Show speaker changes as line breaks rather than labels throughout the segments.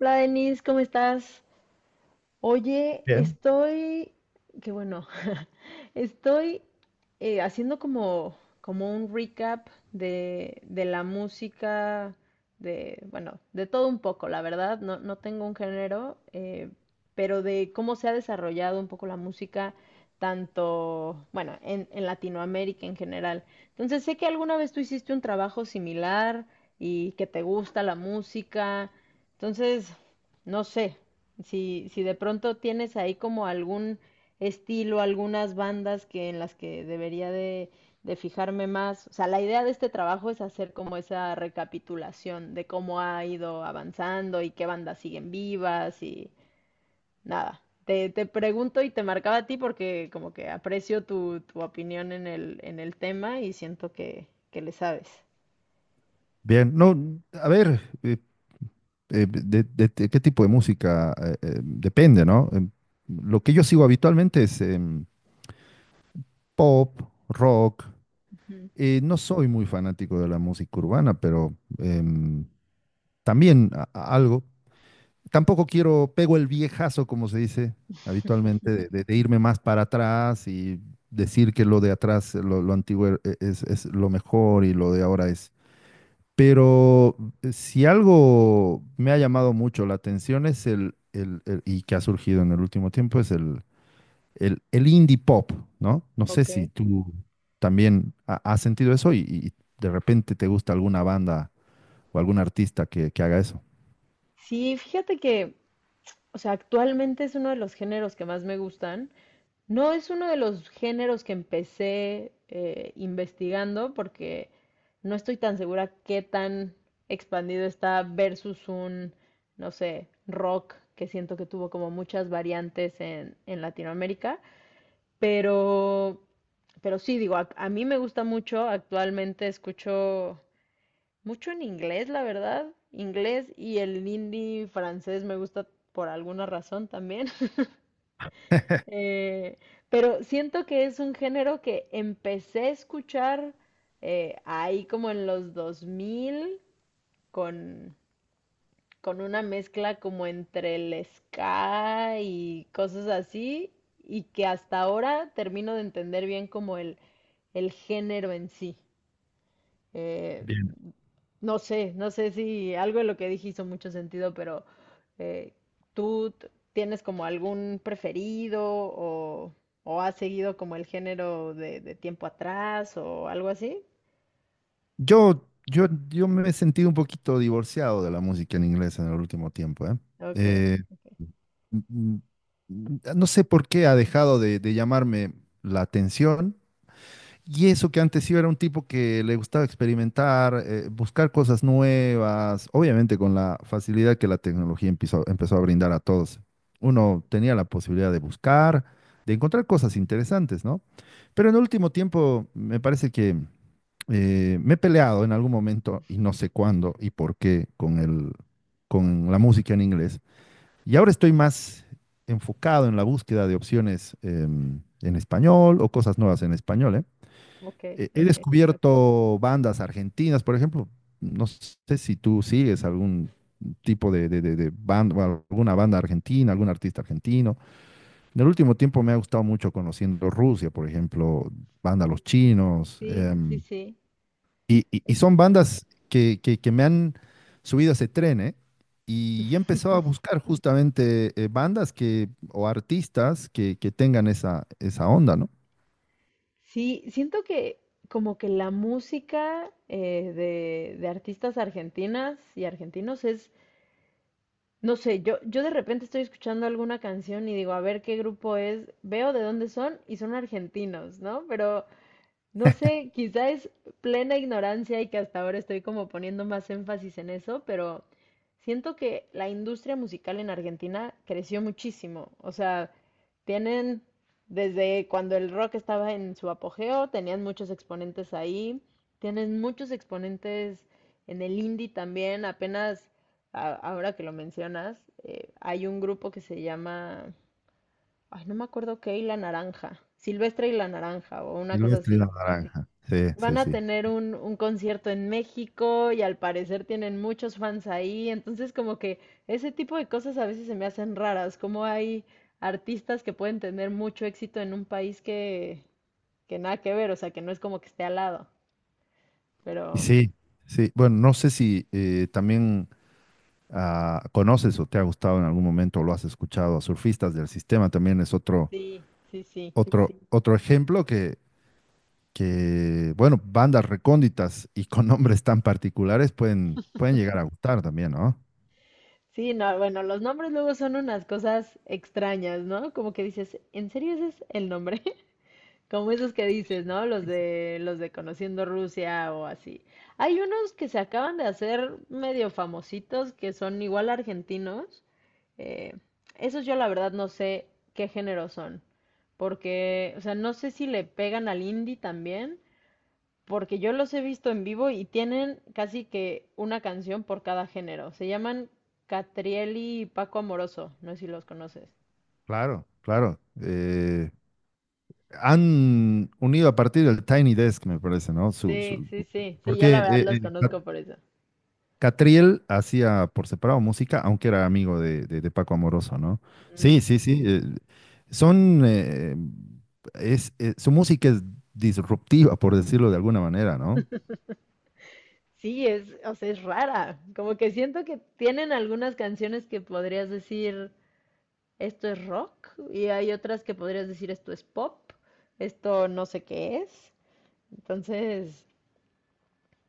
Hola, Denis, ¿cómo estás? Oye,
Bien.
estoy, qué bueno, estoy haciendo como, como un recap de la música, de, bueno, de todo un poco, la verdad, no, no tengo un género, pero de cómo se ha desarrollado un poco la música, tanto, bueno, en Latinoamérica en general. Entonces, sé que alguna vez tú hiciste un trabajo similar y que te gusta la música, entonces, no sé. Si, si de pronto tienes ahí como algún estilo, algunas bandas que en las que debería de fijarme más. O sea, la idea de este trabajo es hacer como esa recapitulación de cómo ha ido avanzando y qué bandas siguen vivas y nada. Te pregunto y te marcaba a ti porque como que aprecio tu, tu opinión en el tema y siento que le sabes.
Bien, no, a ver, de- De qué tipo de música depende, ¿no? Lo que yo sigo habitualmente es pop, rock.
Ujú.
No soy muy fanático de la música urbana, pero también algo. Tampoco quiero, pego el viejazo, como se dice habitualmente, de irme más para atrás y decir que lo de atrás, lo antiguo es lo mejor y lo de ahora es. Pero si algo me ha llamado mucho la atención es y que ha surgido en el último tiempo, es el indie pop, ¿no? No sé
Ok.
si tú también has sentido eso y de repente te gusta alguna banda o algún artista que haga eso.
Sí, fíjate que, o sea, actualmente es uno de los géneros que más me gustan. No es uno de los géneros que empecé investigando porque no estoy tan segura qué tan expandido está versus un, no sé, rock que siento que tuvo como muchas variantes en Latinoamérica. Pero, pero sí, digo, a mí me gusta mucho. Actualmente escucho mucho en inglés, la verdad. Inglés y el indie francés me gusta por alguna razón también. Eh, pero siento que es un género que empecé a escuchar ahí como en los 2000 con, con una mezcla como entre el ska y cosas así y que hasta ahora termino de entender bien como el género en sí. Eh,
Bien.
no sé, no sé si algo de lo que dije hizo mucho sentido, pero eh, ¿tú tienes como algún preferido o has seguido como el género de tiempo atrás o algo así?
Yo me he sentido un poquito divorciado de la música en inglés en el último tiempo, ¿eh?
Ok,
Eh, mm, No sé por qué ha dejado de llamarme la atención. Y eso que antes sí era un tipo que le gustaba experimentar, buscar cosas nuevas, obviamente con la facilidad que la tecnología empezó a brindar a todos. Uno tenía la posibilidad de buscar, de encontrar cosas interesantes, ¿no? Pero en el último tiempo me parece que me he peleado en algún momento y no sé cuándo y por qué con con la música en inglés. Y ahora estoy más enfocado en la búsqueda de opciones en español o cosas nuevas en español, ¿eh?
ok,
He
ok.
descubierto bandas argentinas, por ejemplo, no sé si tú sigues algún tipo de, de banda, o alguna banda argentina, algún artista argentino. En el último tiempo me ha gustado mucho conociendo Rusia, por ejemplo, banda Los
Ujú.
Chinos,
Sí, sí, sí. Eh,
y son bandas que, que me han subido a ese tren, ¿eh? Y he empezado a buscar justamente bandas que, o artistas que tengan esa, esa onda, ¿no?
sí, siento que como que la música de artistas argentinas y argentinos es... No sé, yo de repente estoy escuchando alguna canción y digo, a ver qué grupo es, veo de dónde son y son argentinos, ¿no? Pero no sé, quizá es plena ignorancia y que hasta ahora estoy como poniendo más énfasis en eso, pero siento que la industria musical en Argentina creció muchísimo. O sea, tienen desde cuando el rock estaba en su apogeo, tenían muchos exponentes ahí, tienen muchos exponentes en el indie también, apenas ahora que lo mencionas, hay un grupo que se llama, ay, no me acuerdo qué, y la Naranja, Silvestre y la Naranja o una cosa
Silvestre y la
así.
Naranja. Sí,
Van
sí,
a
sí.
tener un concierto en México y al parecer tienen muchos fans ahí, entonces como que ese tipo de cosas a veces se me hacen raras, como hay artistas que pueden tener mucho éxito en un país que nada que ver, o sea, que no es como que esté al lado,
Y
pero
sí, sí. Bueno, no sé si también conoces o te ha gustado en algún momento o lo has escuchado a surfistas del sistema. También es otro,
sí, sí, sí.
otro. Sí, otro ejemplo que, bueno, bandas recónditas y con nombres tan particulares pueden, pueden llegar a gustar también, ¿no?
Sí, no, bueno, los nombres luego son unas cosas extrañas, ¿no? Como que dices, ¿en serio ese es el nombre? Como esos que dices, ¿no? Los de Conociendo Rusia o así. Hay unos que se acaban de hacer medio famositos que son igual argentinos. Eh, esos yo la verdad no sé qué género son, porque, o sea, no sé si le pegan al indie también, porque yo los he visto en vivo y tienen casi que una canción por cada género. Se llaman Catrieli y Paco Amoroso, no sé si los conoces.
Claro, claro. Han unido a partir del Tiny Desk, me parece, ¿no?
Sí, sí, sí, sí, yo
Porque
la verdad los
eh,
conozco por eso.
Catriel hacía por separado música, aunque era amigo de, de Paco Amoroso, ¿no?
Mm.
Sí, sí, sí. Son, eh, su música es disruptiva, por decirlo de alguna manera, ¿no?
Sí, es, o sea, es rara. Como que siento que tienen algunas canciones que podrías decir esto es rock y hay otras que podrías decir esto es pop, esto no sé qué es. Entonces,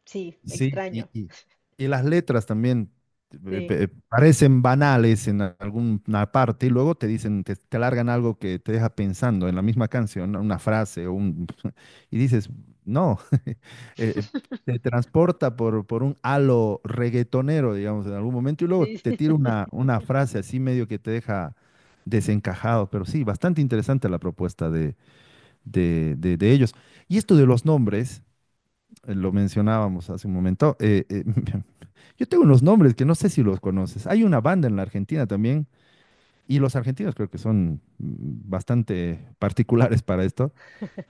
sí,
Sí,
extraño.
y las letras también
Sí,
parecen banales en alguna parte y luego te dicen, te largan algo que te deja pensando en la misma canción, ¿no? Una frase o un... Y dices, no, eh,
sí,
te transporta por un halo reggaetonero, digamos, en algún momento y luego
sí.
te tira una frase así medio que te deja desencajado, pero sí, bastante interesante la propuesta de, de ellos. Y esto de los nombres lo mencionábamos hace un momento. Yo tengo unos nombres que no sé si los conoces. Hay una banda en la Argentina también, y los argentinos creo que son bastante particulares para esto.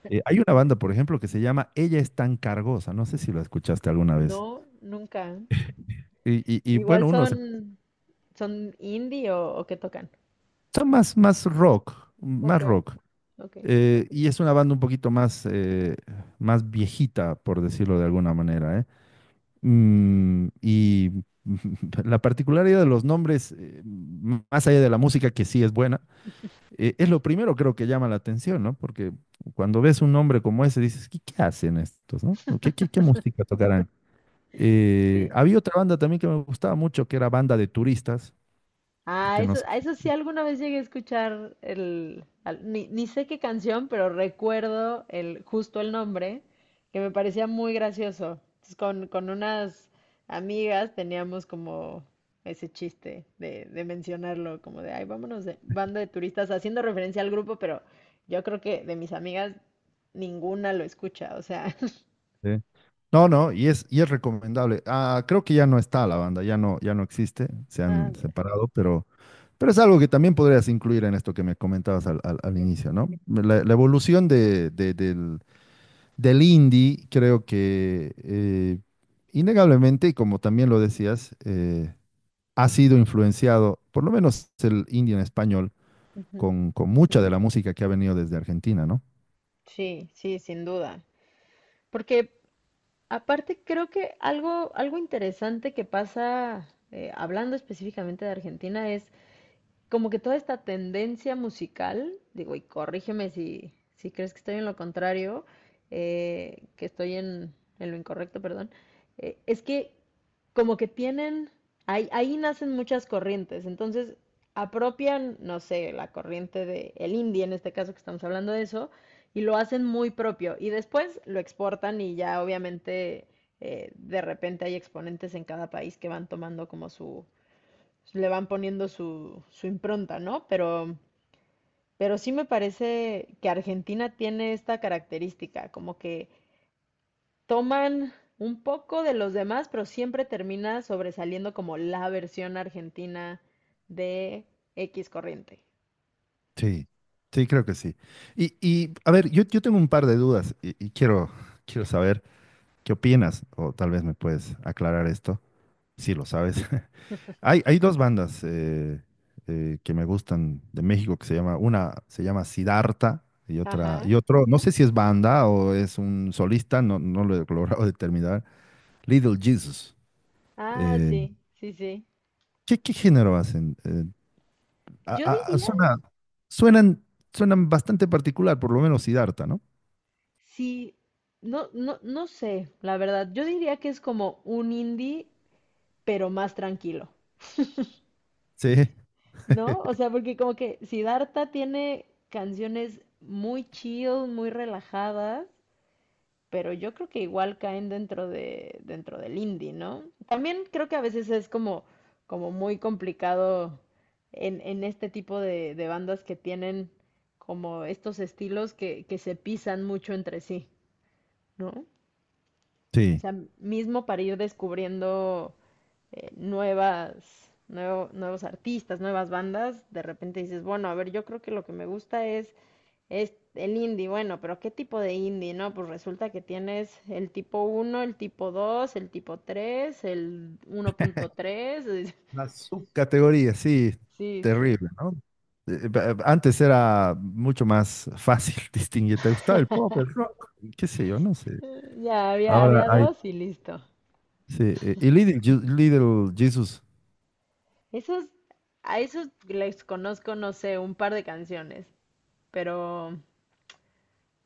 Hay una banda, por ejemplo, que se llama Ella es tan cargosa. No sé si la escuchaste alguna vez.
No, nunca.
Y, bueno,
Igual
uno se...
son, son indie o qué tocan.
Son más, más rock,
Ok,
más rock.
ok.
Y es una banda un poquito más, más viejita, por decirlo de alguna manera, ¿eh? Y la particularidad de los nombres, más allá de la música que sí es buena, es lo primero creo que llama la atención, ¿no? Porque cuando ves un nombre como ese dices, ¿qué, qué hacen estos, no? ¿No? ¿Qué, qué, qué música tocarán? Eh,
Sí.
había otra banda también que me gustaba mucho, que era Banda de Turistas,
Ah,
que no
eso, a eso sí alguna vez llegué a escuchar el, al- ni, ni sé qué canción, pero recuerdo el, justo el nombre, que me parecía muy gracioso. Entonces, con unas amigas teníamos como ese chiste de mencionarlo, como de, ay, vámonos de banda de turistas, haciendo referencia al grupo, pero yo creo que de mis amigas ninguna lo escucha, o sea,
sé. No, no, y es recomendable. Ah, creo que ya no está la banda, ya no, ya no existe, se
ah,
han
mira.
separado, pero es algo que también podrías incluir en esto que me comentabas al, al inicio, ¿no? La evolución de, del, del indie, creo que innegablemente, y como también lo decías, ha sido influenciado, por lo menos el indie en español,
Ujú.
con mucha de la música que ha venido desde Argentina, ¿no?
Sí, sí, sin duda. Porque aparte, creo que algo, algo interesante que pasa, hablando específicamente de Argentina, es como que toda esta tendencia musical, digo, y corrígeme si, si crees que estoy en lo contrario, que estoy en lo incorrecto, perdón, es que como que tienen, ahí, ahí nacen muchas corrientes, entonces apropian, no sé, la corriente de el indie en este caso que estamos hablando de eso, y lo hacen muy propio, y después lo exportan y ya obviamente de repente hay exponentes en cada país que van tomando como su, le van poniendo su, su impronta, ¿no? Pero sí me parece que Argentina tiene esta característica, como que toman un poco de los demás, pero siempre termina sobresaliendo como la versión argentina de X corriente.
Sí, sí, creo que sí. Y a ver, yo tengo un par de dudas y quiero, quiero saber qué opinas, o tal vez me puedes aclarar esto, si lo sabes. Hay dos bandas que me gustan de México que se llama, una se llama Siddhartha y otra,
Ajá.
y otro, no sé si es banda o es un solista, no, no lo he logrado determinar, Little Jesus.
Ah,
Eh,
sí, sí, sí.
¿Qué, qué género hacen? A-
Yo
a- a-
diría,
suena- suenan, suenan bastante particular, por lo menos Siddhartha, ¿no?
sí, no, no, no sé, la verdad, yo diría que es como un indie, pero más tranquilo.
Sí,
¿No? O sea, porque como que Siddhartha tiene canciones muy chill, muy relajadas, pero yo creo que igual caen dentro de, dentro del indie, ¿no? También creo que a veces es como, como muy complicado en este tipo de bandas que tienen como estos estilos que se pisan mucho entre sí, ¿no? O
sí.
sea, mismo para ir descubriendo nuevas, nuevos artistas, nuevas bandas, de repente dices, bueno, a ver, yo creo que lo que me gusta es el indie, bueno, pero ¿qué tipo de indie, no? Pues resulta que tienes el tipo uno el tipo 2 el tipo 3 el 1.3.
La subcategoría, sí,
Sí, sí,
terrible, ¿no? Antes era mucho más fácil distinguir. ¿Te gustaba el pop, el rock? ¿Qué sé yo? No sé.
ya había,
Ahora
había
hay.
dos y listo.
Sí. Y Little Jesus.
Esos, a esos les conozco, no sé, un par de canciones, pero...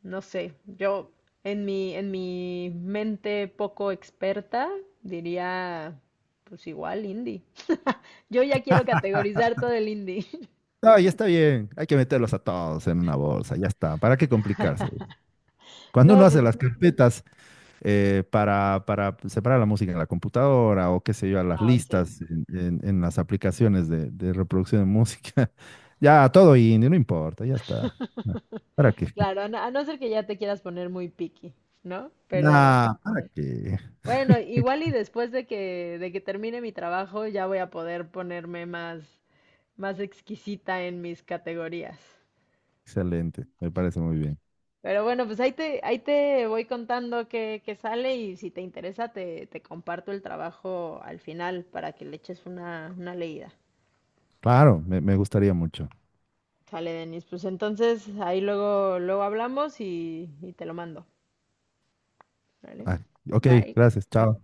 No sé, yo en mi mente poco experta diría, pues igual indie. Yo ya quiero categorizar todo el indie.
No, ya está bien. Hay que meterlos a todos en una bolsa. Ya está. ¿Para qué complicarse? Cuando uno
No, pues
hace las carpetas, para separar la música en la computadora o qué sé yo, a las
no, sí.
listas en, en las aplicaciones de reproducción de música. Ya, todo indie, no importa, ya está. Ah, ¿para qué?
Claro, a no ser que ya te quieras poner muy picky, ¿no? Pero
Nah, ¿para qué?
bueno, igual y después de que termine mi trabajo ya voy a poder ponerme más, más exquisita en mis categorías.
Excelente, me parece muy bien.
Pero bueno, pues ahí te voy contando qué, qué sale y si te interesa te, te comparto el trabajo al final para que le eches una leída.
Claro, me gustaría mucho.
Sale, Denis. Pues entonces ahí luego, luego hablamos y te lo mando. ¿Vale?
Ah, ok,
Bye.
gracias, chao.